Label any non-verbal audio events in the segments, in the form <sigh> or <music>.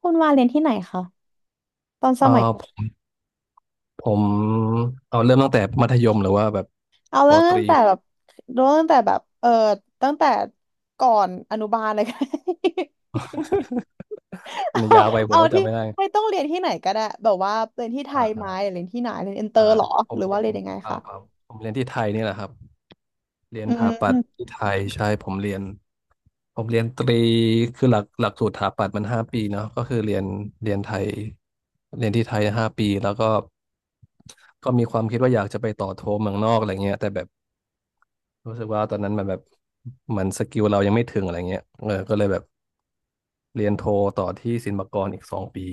คุณวาเรียนที่ไหนคะสเอ่อมัยผมผมเอาเริ่มตั้งแต่มัธยมหรือว่าแบบเอาปเรื่อองตรี ตั้งแต่แบบเรื่องตั้งแต่แบบตั้งแต่ก่อนอนุบาลเลยก็ได้ <laughs> มันยาวไป <laughs> เอาผเอามก็ที่จำไม่ได้ไม่ต้องเรียนที่ไหนก็ได้แบบว่าเรียนที่ไทอ่ายไหอ่ามหรือเรียนที่ไหนเรียนอินเตออ่าร์เหรอผหมรือว่าเรียเรีนยนยังไงเปล่าคะเปล่าผมเรียนที่ไทยนี่แหละครับเรียนอืถาปัตย์มที่ไทยใช่ผมเรียนตรีคือหลักสูตรถาปัตย์มันห้าปีเนาะก็คือเรียนไทยเรียนที่ไทยห้าปีแล้วก็มีความคิดว่าอยากจะไปต่อโทเมืองนอกอะไรเงี้ยแต่แบบ รู้สึกว่าตอนนั้นมันแบบมันสกิลเรายังไม่ถึงอะไรเงี้ยเออก็เลยแบบเรียนโทต่อที่ศิลปากรอีกสองปี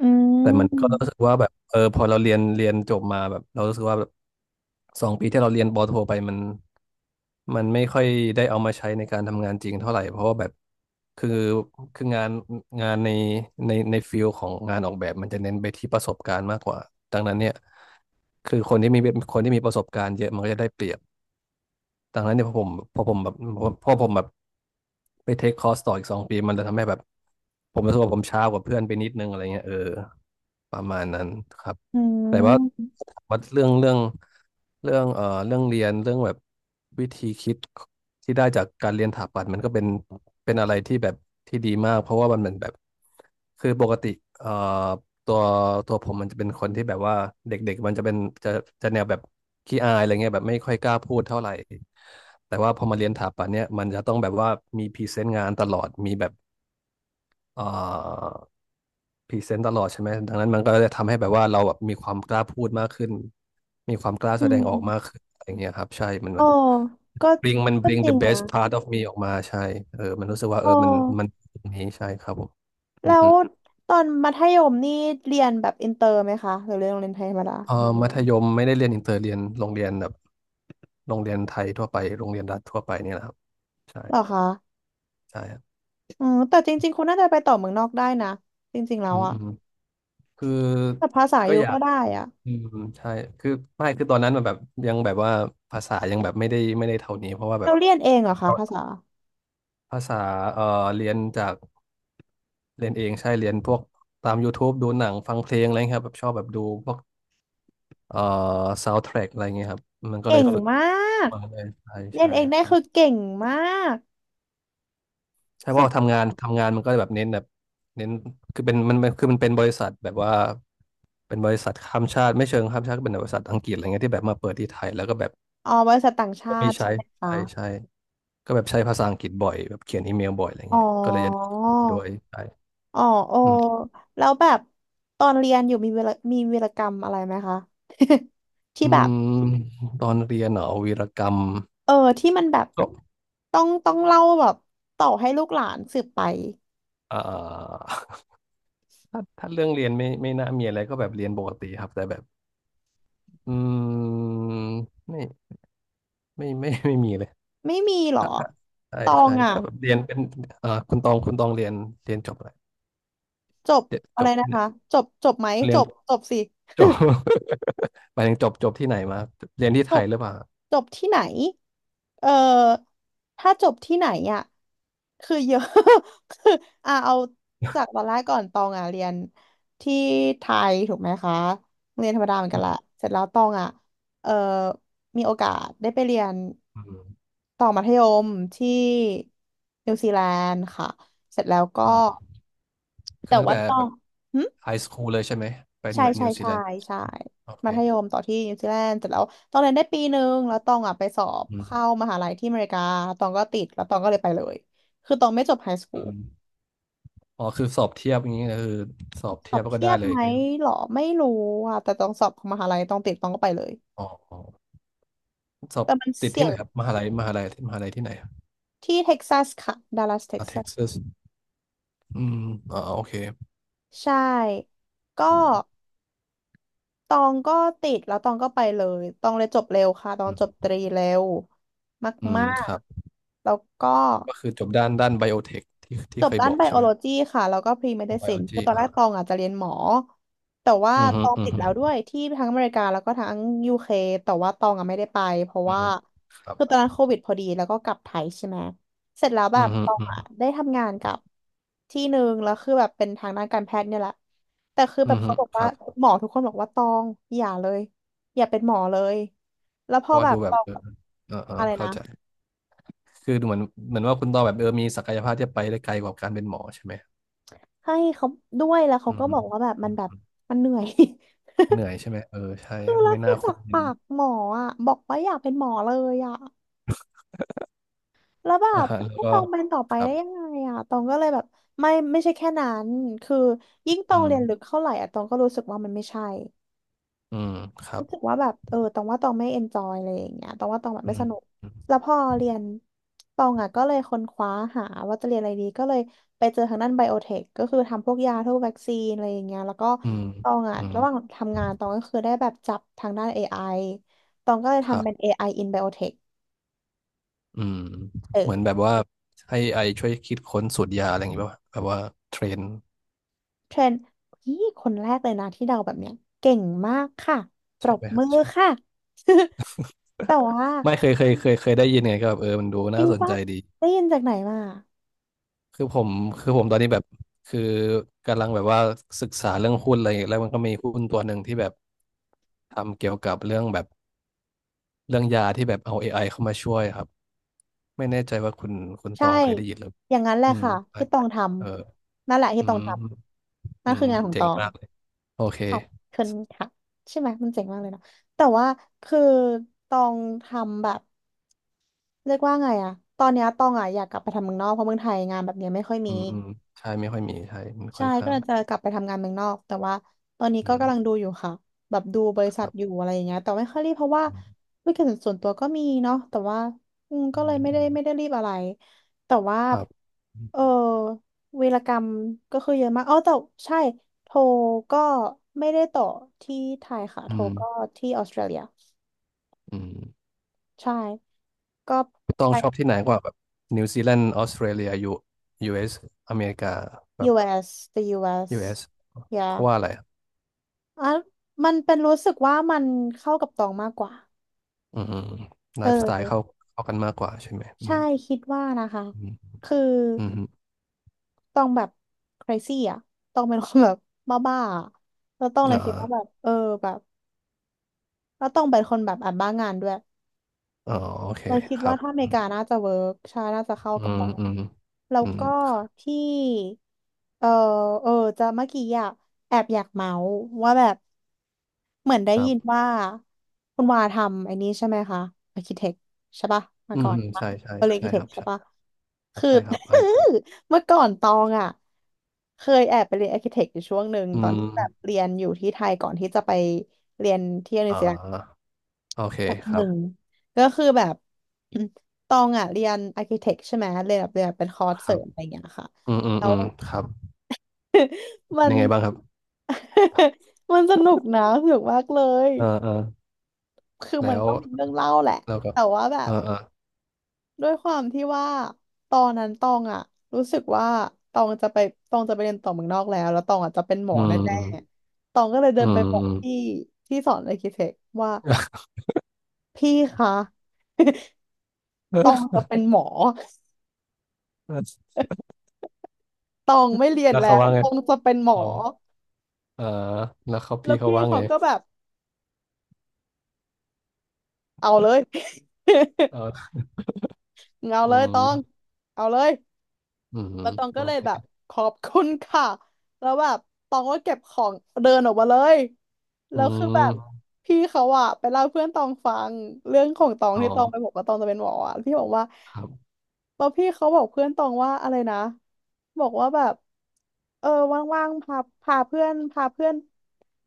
อืแต่มันก็มรู้สึกว่าแบบเออพอเราเรียนจบมาแบบเรารู้สึกว่าแบบสองปีที่เราเรียนปอโทไปมันไม่ค่อยได้เอามาใช้ในการทำงานจริงเท่าไหร่เพราะว่าแบบคือคืองานในในฟิลของงานออกแบบมันจะเน้นไปที่ประสบการณ์มากกว่าดังนั้นเนี่ยคือคนที่มีประสบการณ์เยอะมันก็จะได้เปรียบ ดังนั้นเนี่ยพอผมแบบไปเทคคอร์สต่ออีกสองปีมันจะทำให้แบบผมรู้สึกว่าผมช้ากว่าเพื่อนไปนิดนึงอะไรเงี้ยเออประมาณนั้นครับอืแต่ว่ามว่าเรื่องเรียนเรื่องแบบวิธีคิดที่ได้จากการเรียนถาปัตย์มันก็เป็นอะไรที่แบบที่ดีมากเพราะว่ามันเหมือนแบบคือปกติเอ่อ ตัวตัวผมมันจะเป็นคนที่แบบว่าเด็กๆมันจะเป็นจะจะแนวแบบขี้อายอะไรเงี้ยแบบไม่ค่อยกล้าพูดเท่าไหร่แต่ว่าพอมาเรียนถาปัตย์เนี่ยมันจะต้องแบบว่ามีพรีเซนต์งานตลอดมีแบบเอ่อพรีเซนต์ตลอดใช่ไหมดังนั้นมันก็จะทำให้แบบว่าเราแบบมีความกล้าพูดมากขึ้นมีความกล้าอืแสดงออกมากมขึ้นอะไรเงี้ยครับใช่มันโอ้มัน ก็ bring มัน ก็ bring จริ the ง best นะ part of me ออกมาใช่เออมันรู้สึกว่าโอมัน้อย่างนี้ใช่ครับผมอืแล้อฮึวตอนมัธยมนี่เรียนแบบอินเตอร์ไหมคะหรือเรียนโรงเรียนไทยธรรมดาเอออมัธยมไม่ได้เรียนอินเตอร์เรียนโรงเรียนแบบ โรงเรียนไทยทั่วไปโรงเรียนรัฐทั่วไปเนี่ยแหละครับ ใช่ เหรอคะ ใช่ครับอืมแต่จริงๆคุณน่าจะไปต่อเมืองนอกได้นะจริงๆแล้อืวมอะอืมคือ แต่ภาษาก็อยู่อยาก็กได้อะอืมใช่คือไม่คือตอนนั้นมันแบบ ยังแบบว่าภาษายังแบบไม่ได้เท่านี้ เพราะว่าแบบเราเรียนเองเหรอคะภาษาภาษาเอ่อเรียนจากเรียนเองใช่ เรียนพวกตาม YouTube ดูหนังฟังเพลงอะไรเงี้ยครับแบบชอบแบบดูพวกเอ่อซาวด์แทร็กอะไรเงี้ยครับ มันก็เก่เลยงฝึกมาประกมาณนั้นใช่เรียนใช่ เองได้คือเก่งมากใช่เพสุราะดว่าทำงานมันก็แบบเน้นคือเป็นมันคือมันเป็นบริษัทแบบว่าเป็นบริษัทข้ามชาติไม่เชิงข้ามชาติก็เป็นบริษัทอังกฤษอะไรเงี้ยที่แบบมาเปิดที่ไทยแล้วก็แบบอ๋อบริษัทต่างก็ชามีติใช้ใช่ไหมคะใช่ใช่ก็แบบใช้ภาษาอังกฤษบ่อยแบบเขียนอีเมลบ่อยอะไรอ๋อเงี้ยก็เลยจะได้ด้วยใช่อ๋อโออืมแล้วแบบตอนเรียนอยู่มีเวลามีวีรกรรมอะไรไหมคะ <laughs> ที่อืแบบมตอนเรียนเหรอวีรกรรมเออที่มันแบบก็ต้องต้องเล่าแบบต่อให้ลูกหลานสืบไปอ่า <laughs> ถ้าเรื่องเรียนไม่น่ามีอะไรก็แบบเรียนปกติครับแต่แบบอืมไม่ไม่ไม่ <laughs> ไม่มีเลย ไม่มีเหรอถ้าใช่ตองใช่อ่ะ ก็แบบเรียนเป็นคุณตองเรียนจบอะไรจบเรียนอะจไรบนะเนี่คะยจบจบไหมเรีจยนบจบสิจบ <laughs> หมายถึงจบที่ไหนมาเรียนที่จไทบยหรือเปล่าจบที่ไหนเออถ้าจบที่ไหนอ่ะคือเยอะ <laughs> คืออ่ะเอาจากตอนแรกก่อนตองอ่ะเรียนที่ไทยถูกไหมคะโรงเรียนธรรมดาเหมือนอืกันแหละมเสร็จแล้วตองอ่ะเออมีโอกาสได้ไปเรียนอืมต่อมัธยมที่นิวซีแลนด์ค่ะเสร็จแล้วก็อ่าคืแต่อตั้งว่าแต่ตอแบง บไฮสคูลเลยใช่ไหมไปใช่นิวใช่นิวซีใช่แลนด์ใช่โอเคมัธยมต่อที่นิวซีแลนด์เสร็จแล้วตองเรียนได้ปีหนึ่งแล้วตองอ่ะไปสอบอืเข้ามมหาลัยที่อเมริกาตองก็ติดแล้วตองก็เลยไปเลยคือตองไม่จบไฮสคูลอืมอ๋อคือสอบเทียบอย่างนี้ก็คือสอบสเทีอยบบแล้วก็เทีได้ยบเลยไหอมย่างเงี้ยครับหรอไม่รู้อ่ะแต่ตองสอบของมหาลัยตองติดตองก็ไปเลยอ๋ออ๋อสอบแต่มันติดเสี่ที่ยไหนงครับมหาลัยที่ไหนอะที่เท็กซัสค่ะดัลลัสเท็กอ่าซัเท็กสซัสอืมอ๋อโอเคใช่ ก็อืมตองก็ติดแล้วตองก็ไปเลยตองเลยจบเร็วค่ะตออืงมจบตรีเร็วอืมมาคกรับๆแล้วก็ ก็คือจบด้านไบโอเทคที่จที่เคบยด้าบนอกไบใช่โอไหม โลจีค่ะแล้วก็พรีเมอ๋ดิอไบซิโอนคืจีอตอนแรอ่ากตองอาจจะเรียนหมอแต่ว่าอือตฮึองอือติดฮึแล้วด้วยที่ทั้งอเมริกาแล้วก็ทั้งยูเคแต่ว่าตองอะไม่ได้ไปเพราะอือว่าฮึครับคือตอนนั้นโควิดพอดีแล้วก็กลับไทยใช่ไหมเสร็จแล้วแบอืบอฮึตองอืออะได้ทำงานกับที่หนึ่งแล้วคือแบบเป็นทางด้านการแพทย์เนี่ยแหละแต่คืออืแบบอฮึเขาบอกคว่ารับหมอทุกคนบอกว่าตองอย่าเลยอย่าเป็นหมอเลยแล้วพเพอราะว่าแบบดูแบตบองเออเออเอออะไรเข้านะใจ คือดูเหมือนว่าคุณตองแบบเออมีศักยภาพที่จะไปได้ไกลกว่าการเป็นหมอใช่ไหมให้เขาด้วยแล้วเขาอืมก็ฮึบอกว่าแบบมัอืนมแบบอืมันเหนื่อย เหนื่อยใช่ไหม เออใช่คือแล้วไม่คืน่าอจาคุ้กมเงิปากหมออะบอกว่าอยากเป็นหมอเลยอะแล้วแบนอาบหารแล้วให้ก็ตองเป็นต่อไปครัได้ยังบไงอะตองก็เลยแบบไม่ไม่ใช่แค่นั้นคือยิ่งตออืงเรีมยนลึกเท่าไหร่อะตองก็รู้สึกว่ามันไม่ใช่ อืมครับรู้สึกว่าแบบตองว่าตองไม่เอนจอยอะไรอย่างเงี้ยตองว่าตองแบบอืไม่มสนุกอืมแล้วพอเรียนตองอ่ะก็เลยค้นคว้าหาว่าจะเรียนอะไรดีก็เลยไปเจอทางด้านไบโอเทคก็คือทำพวกยาพวกวัคซีนอะไรอย่างเงี้ยแล้วก็ตองอ่ะอืมระหว่างทำงานตองก็คือได้แบบจับทางด้านเอไอตองก็เลยครัทำบเป็นเอไอ in biotech อืมเอเหมือนแบอบว่าให้ไอช่วยคิดค้นสูตรยาอะไรอย่างงี้ป่ะวะแบบว่าเทรนเทรนนี่คนแรกเลยนะที่เดาแบบเนี้ยเก่งมากค่ะปรใช่บไหมมืฮะ อค่ะ <laughs> แต่ว่าไม่เคยได้ยินไงก็แบบมันดูจน่าริงสนปะใจดีได้ยินจากไหนมา คือผมคือผมตอนนี้แบบคือกำลังแบบว่าศึกษาเรื่องหุ้นอะไรอย่างเงี้ยแล้วมันก็มีหุ้นตัวหนึ่งที่แบบทำเกี่ยวกับเรื่องแบบเรื่องยาที่แบบเอา AI เข้ามาช่วยครับไม่แน่ใจว่าคุณตใช่ องเคยได้ยินหรืออย่างนั้นแหละอืมค่ะใช่ที่ตองทเออำนั่นแหละที่อืตองมทำอืนั่นมคืองานของเจ๋ตงองมากเลยโอเคขอบคุณค่ะใช่ไหมมันเจ๋งมากเลยเนาะแต่ว่าคือตองทำแบบเรียกว่าไงอะตอนเนี้ยตองอะอยากกลับไปทำเมืองนอกเพราะเมืองไทยงานแบบเนี้ยไม่ค่อยอืมี มอืมใช่ไม่ค่อยมีใช่มันค่ใช่อนก็ข้าเลงยจะกลับไปทำงานเมืองนอกแต่ว่าตอนนี้อืก็มกำลังดูอยู่ค่ะแบบดูบริคษัทรัอยู่บอะไรอย่างเงี้ยแต่ไม่ค่อยรีบเพราะว่าอืมธุรกิจส่วนตัวก็มีเนาะแต่ว่าอืมก็อืเลยมไม่อืได้มไม่ได้รีบอะไรแต่ว่าครับเออวีรกรรมก็คือเยอะมากอ๋อแต่ใช่โทรก็ไม่ได้ต่อที่ไทยค่ะอืโทรมก็ที่ออสเตรเลียอืม ใช่ก็ต้อไป งชอบที่ไหนกว่าแบบนิวซีแลนด์ออสเตรเลียยูเอสอเมริกาแบบ US the ยูเอ US สเพ yeah ราะว่าอะไรอะอ่ะมันเป็นรู้สึกว่ามันเข้ากับตองมากกว่า อืมไลเอฟ์สไตล์เข้าอเข้ากันมากกว่าใช่ไหมอืใช่มคิดว่านะคะอืมคืออืมต้องแบบ crazy อ่ะต้องเป็นคนแบบบ้าๆอะแล้วต้องเลยคิดอ่าว่าแบบแบบแล้วต้องเป็นคนแบบอ่านบ้างานด้วย อ๋อโอเคเราคิดครัว่าบถ้าอเมริกาน่าจะเวิร์กใช่น่าจะเข้าอืกับมเราอืมแล้วอืมก็ที่เออเออจะเมื่อกี้อะแอบอยากเมาส์ว่าแบบเหมือนได้ครัยินบว่าคุณวาทำไอ้นี้ใช่ไหมคะอาร์คิเทคใช่ปะมาอืมก่ออืนมปะใช่ใช่เาเรียนอาร์ใช่คิเทคครับใช่ใช่ปะคือ ใช่ครับไอ <laughs> เมื่อก่อนตองอะเคยแอบไปเรียนอาร์คิเทคอยู่ช่วงหนึ่งอืตอนที่แบบมเรียนอยู่ที่ไทยก่อนที่จะไป อ่าโอเคแบบคหรันึ่บงก็คือแบบ <clears throat> ตองอ่ะเรียนอาร์คิเทคใช่ไหมเรียนแบบเรียนแบบเป็นคอร์สคเสรัริบมอะไรอย่างเงี้ยค่ะอืมอืมแล้อืวมครับมัเป็นน ยังไงบ้างครับ <laughs> มันสนุกนะสนุกมากเลยเออเออคือแล้มันวก็มีเรื่องเล่าแหละแล้วก็แต่ว่าแบเอบอเออด้วยความที่ว่าตอนนั้นตองอ่ะรู้สึกว่าตองจะไปตองจะไปเรียนต่อเมืองนอกแล้วแล้วตองอ่ะจะเป็นหมออืมแน่อืมๆตองก็เลยเดิอืนมไปบอกอืม พี่ที่สอนอาร์คิเทคว่าพี่คะ <laughs> ตองจะ <laughs> เป็นหมอ เออตองไม่เรียนแล้วแล้เขาวว่าไงตองจะเป็นหมออ๋อเออแล้วเขาแล้พี่วเขาพี่ว่าเขาไงก็แบบเอาเลย เออ <laughs> เอาอืเลยตองมเอาเลย อืมแล้วตองโอก็เลยแบบเคขอบคุณค่ะแล้วแบบตองก็เก็บของเดินออกมาเลยอืแล้วคือแบมบพี่เขาอะไปเล่าให้เพื่อนตองฟังเรื่องของตองอ๋อที่ตองไปบอกว่าตองจะเป็นหมออะพี่บอกว่าครับ แล้วพี่เขาบอกเพื่อนตองว่าอะไรนะบอกว่าแบบเออว่างๆพาพาเพื่อน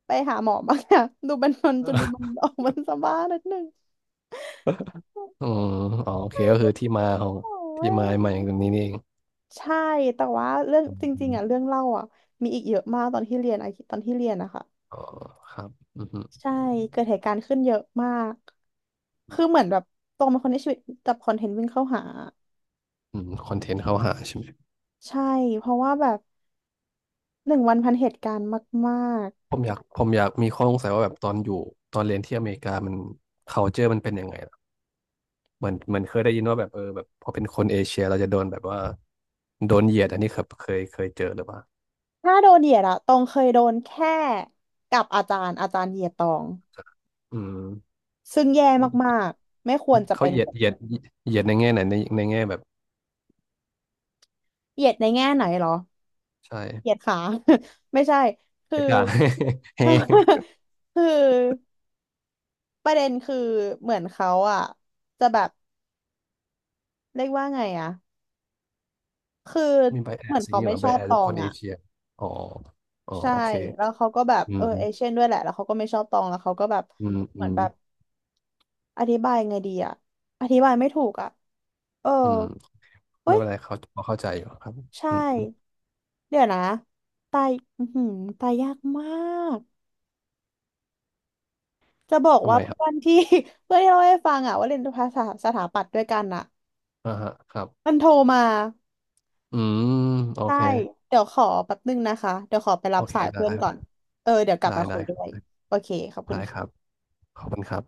ไปหาหมอบ้างนะ <laughs> ดูมันจนดูมัน <laughs> ออกมันสบ้านิดนึง อืมอ๋อโอ <laughs> เคไม่ก็ได้คือที่มาเป็นของหมอที่เว้มาย ใหม่อย่างนี้นี่เองใช่แต่ว่าเรื่องอืจริงๆอ่ะเรื่อมงเล่าอ่ะมีอีกเยอะมากตอนที่เรียนอะตอนที่เรียนนะคะอ๋อครับอืมใช่เกิดเหตุการณ์ขึ้นเยอะมากคือเหมือนแบบตรงเป็นคนที่ชีวิตจับคอนเทนต์วิ่งเข้าหาอืมคอนเทนต์เข้าหาใช่ไหมใช่เพราะว่าแบบหนึ่งวันพันเหตุการณ์มากผมอยากมีข้อสงสัยว่าแบบตอนอยู่ตอนเรียนที่อเมริกามัน culture มันเป็นยังไงล่ะเหมือนเคยได้ยินว่าแบบแบบพอเป็นคนเอเชียเราจะโดนแบบว่าโดนเหยียดอันนี้ครับเคยเจอหรือเปล่า ๆถ้าโดนเหยียดอะตองเคยโดนแค่กับอาจารย์อาจารย์เหยียดตองอืมซึ่งแย่มากๆไม่ควรจะเขาเป็นเหยียดในแง่ไหนในแง่แบบเหยียดในแง่ไหนเหรอใเหยียดช่ขา <laughs> ไม่ใช่คืไปอ ด่า <laughs> เฮ้ <laughs> คือ ประเด็นคือเหมือนเขาอ่ะจะแบบเรียกว่าไงอ่ะคือ <laughs> มีไบแอเหมือสนอย่างเขานี้ไม่เหรอชไบอบแอสตอคงนเออ่ะเชียอ๋ออ๋อใช่โอเคแล้วเขาก็แบบอืเออมเอเชียนด้วยแหละแล้วเขาก็ไม่ชอบตองแล้วเขาก็แบบอืมเหอืมือนมแบบอธิบายไงดีอ่ะอธิบายไม่ถูกอ่ะเอออืมไม่เฮ้ยเป็นไรเขาพอเข้าใจอยู่ครับใช่อืมอืมเดี๋ยวนะตายอือหือตายยากมากจะบอกทำว่าไมคเพื่รับอนที่ <laughs> เพื่อนที่เราให้ฟังอ่ะว่าเรียนภาษาสถาปัตย์ด้วยกันอ่ะอ่าฮะครับมันโทรมา อืมโอใช่เคเดี๋ยวขอแป๊บนึงนะคะเดี๋ยวขอไปรัโอบเคสายได้เพื่อนก่อนเออเดี๋ยวกลับได้มาคุได้ยด้วยโอเคขอบคุณได้ครัค่ะบขอบคุณครับ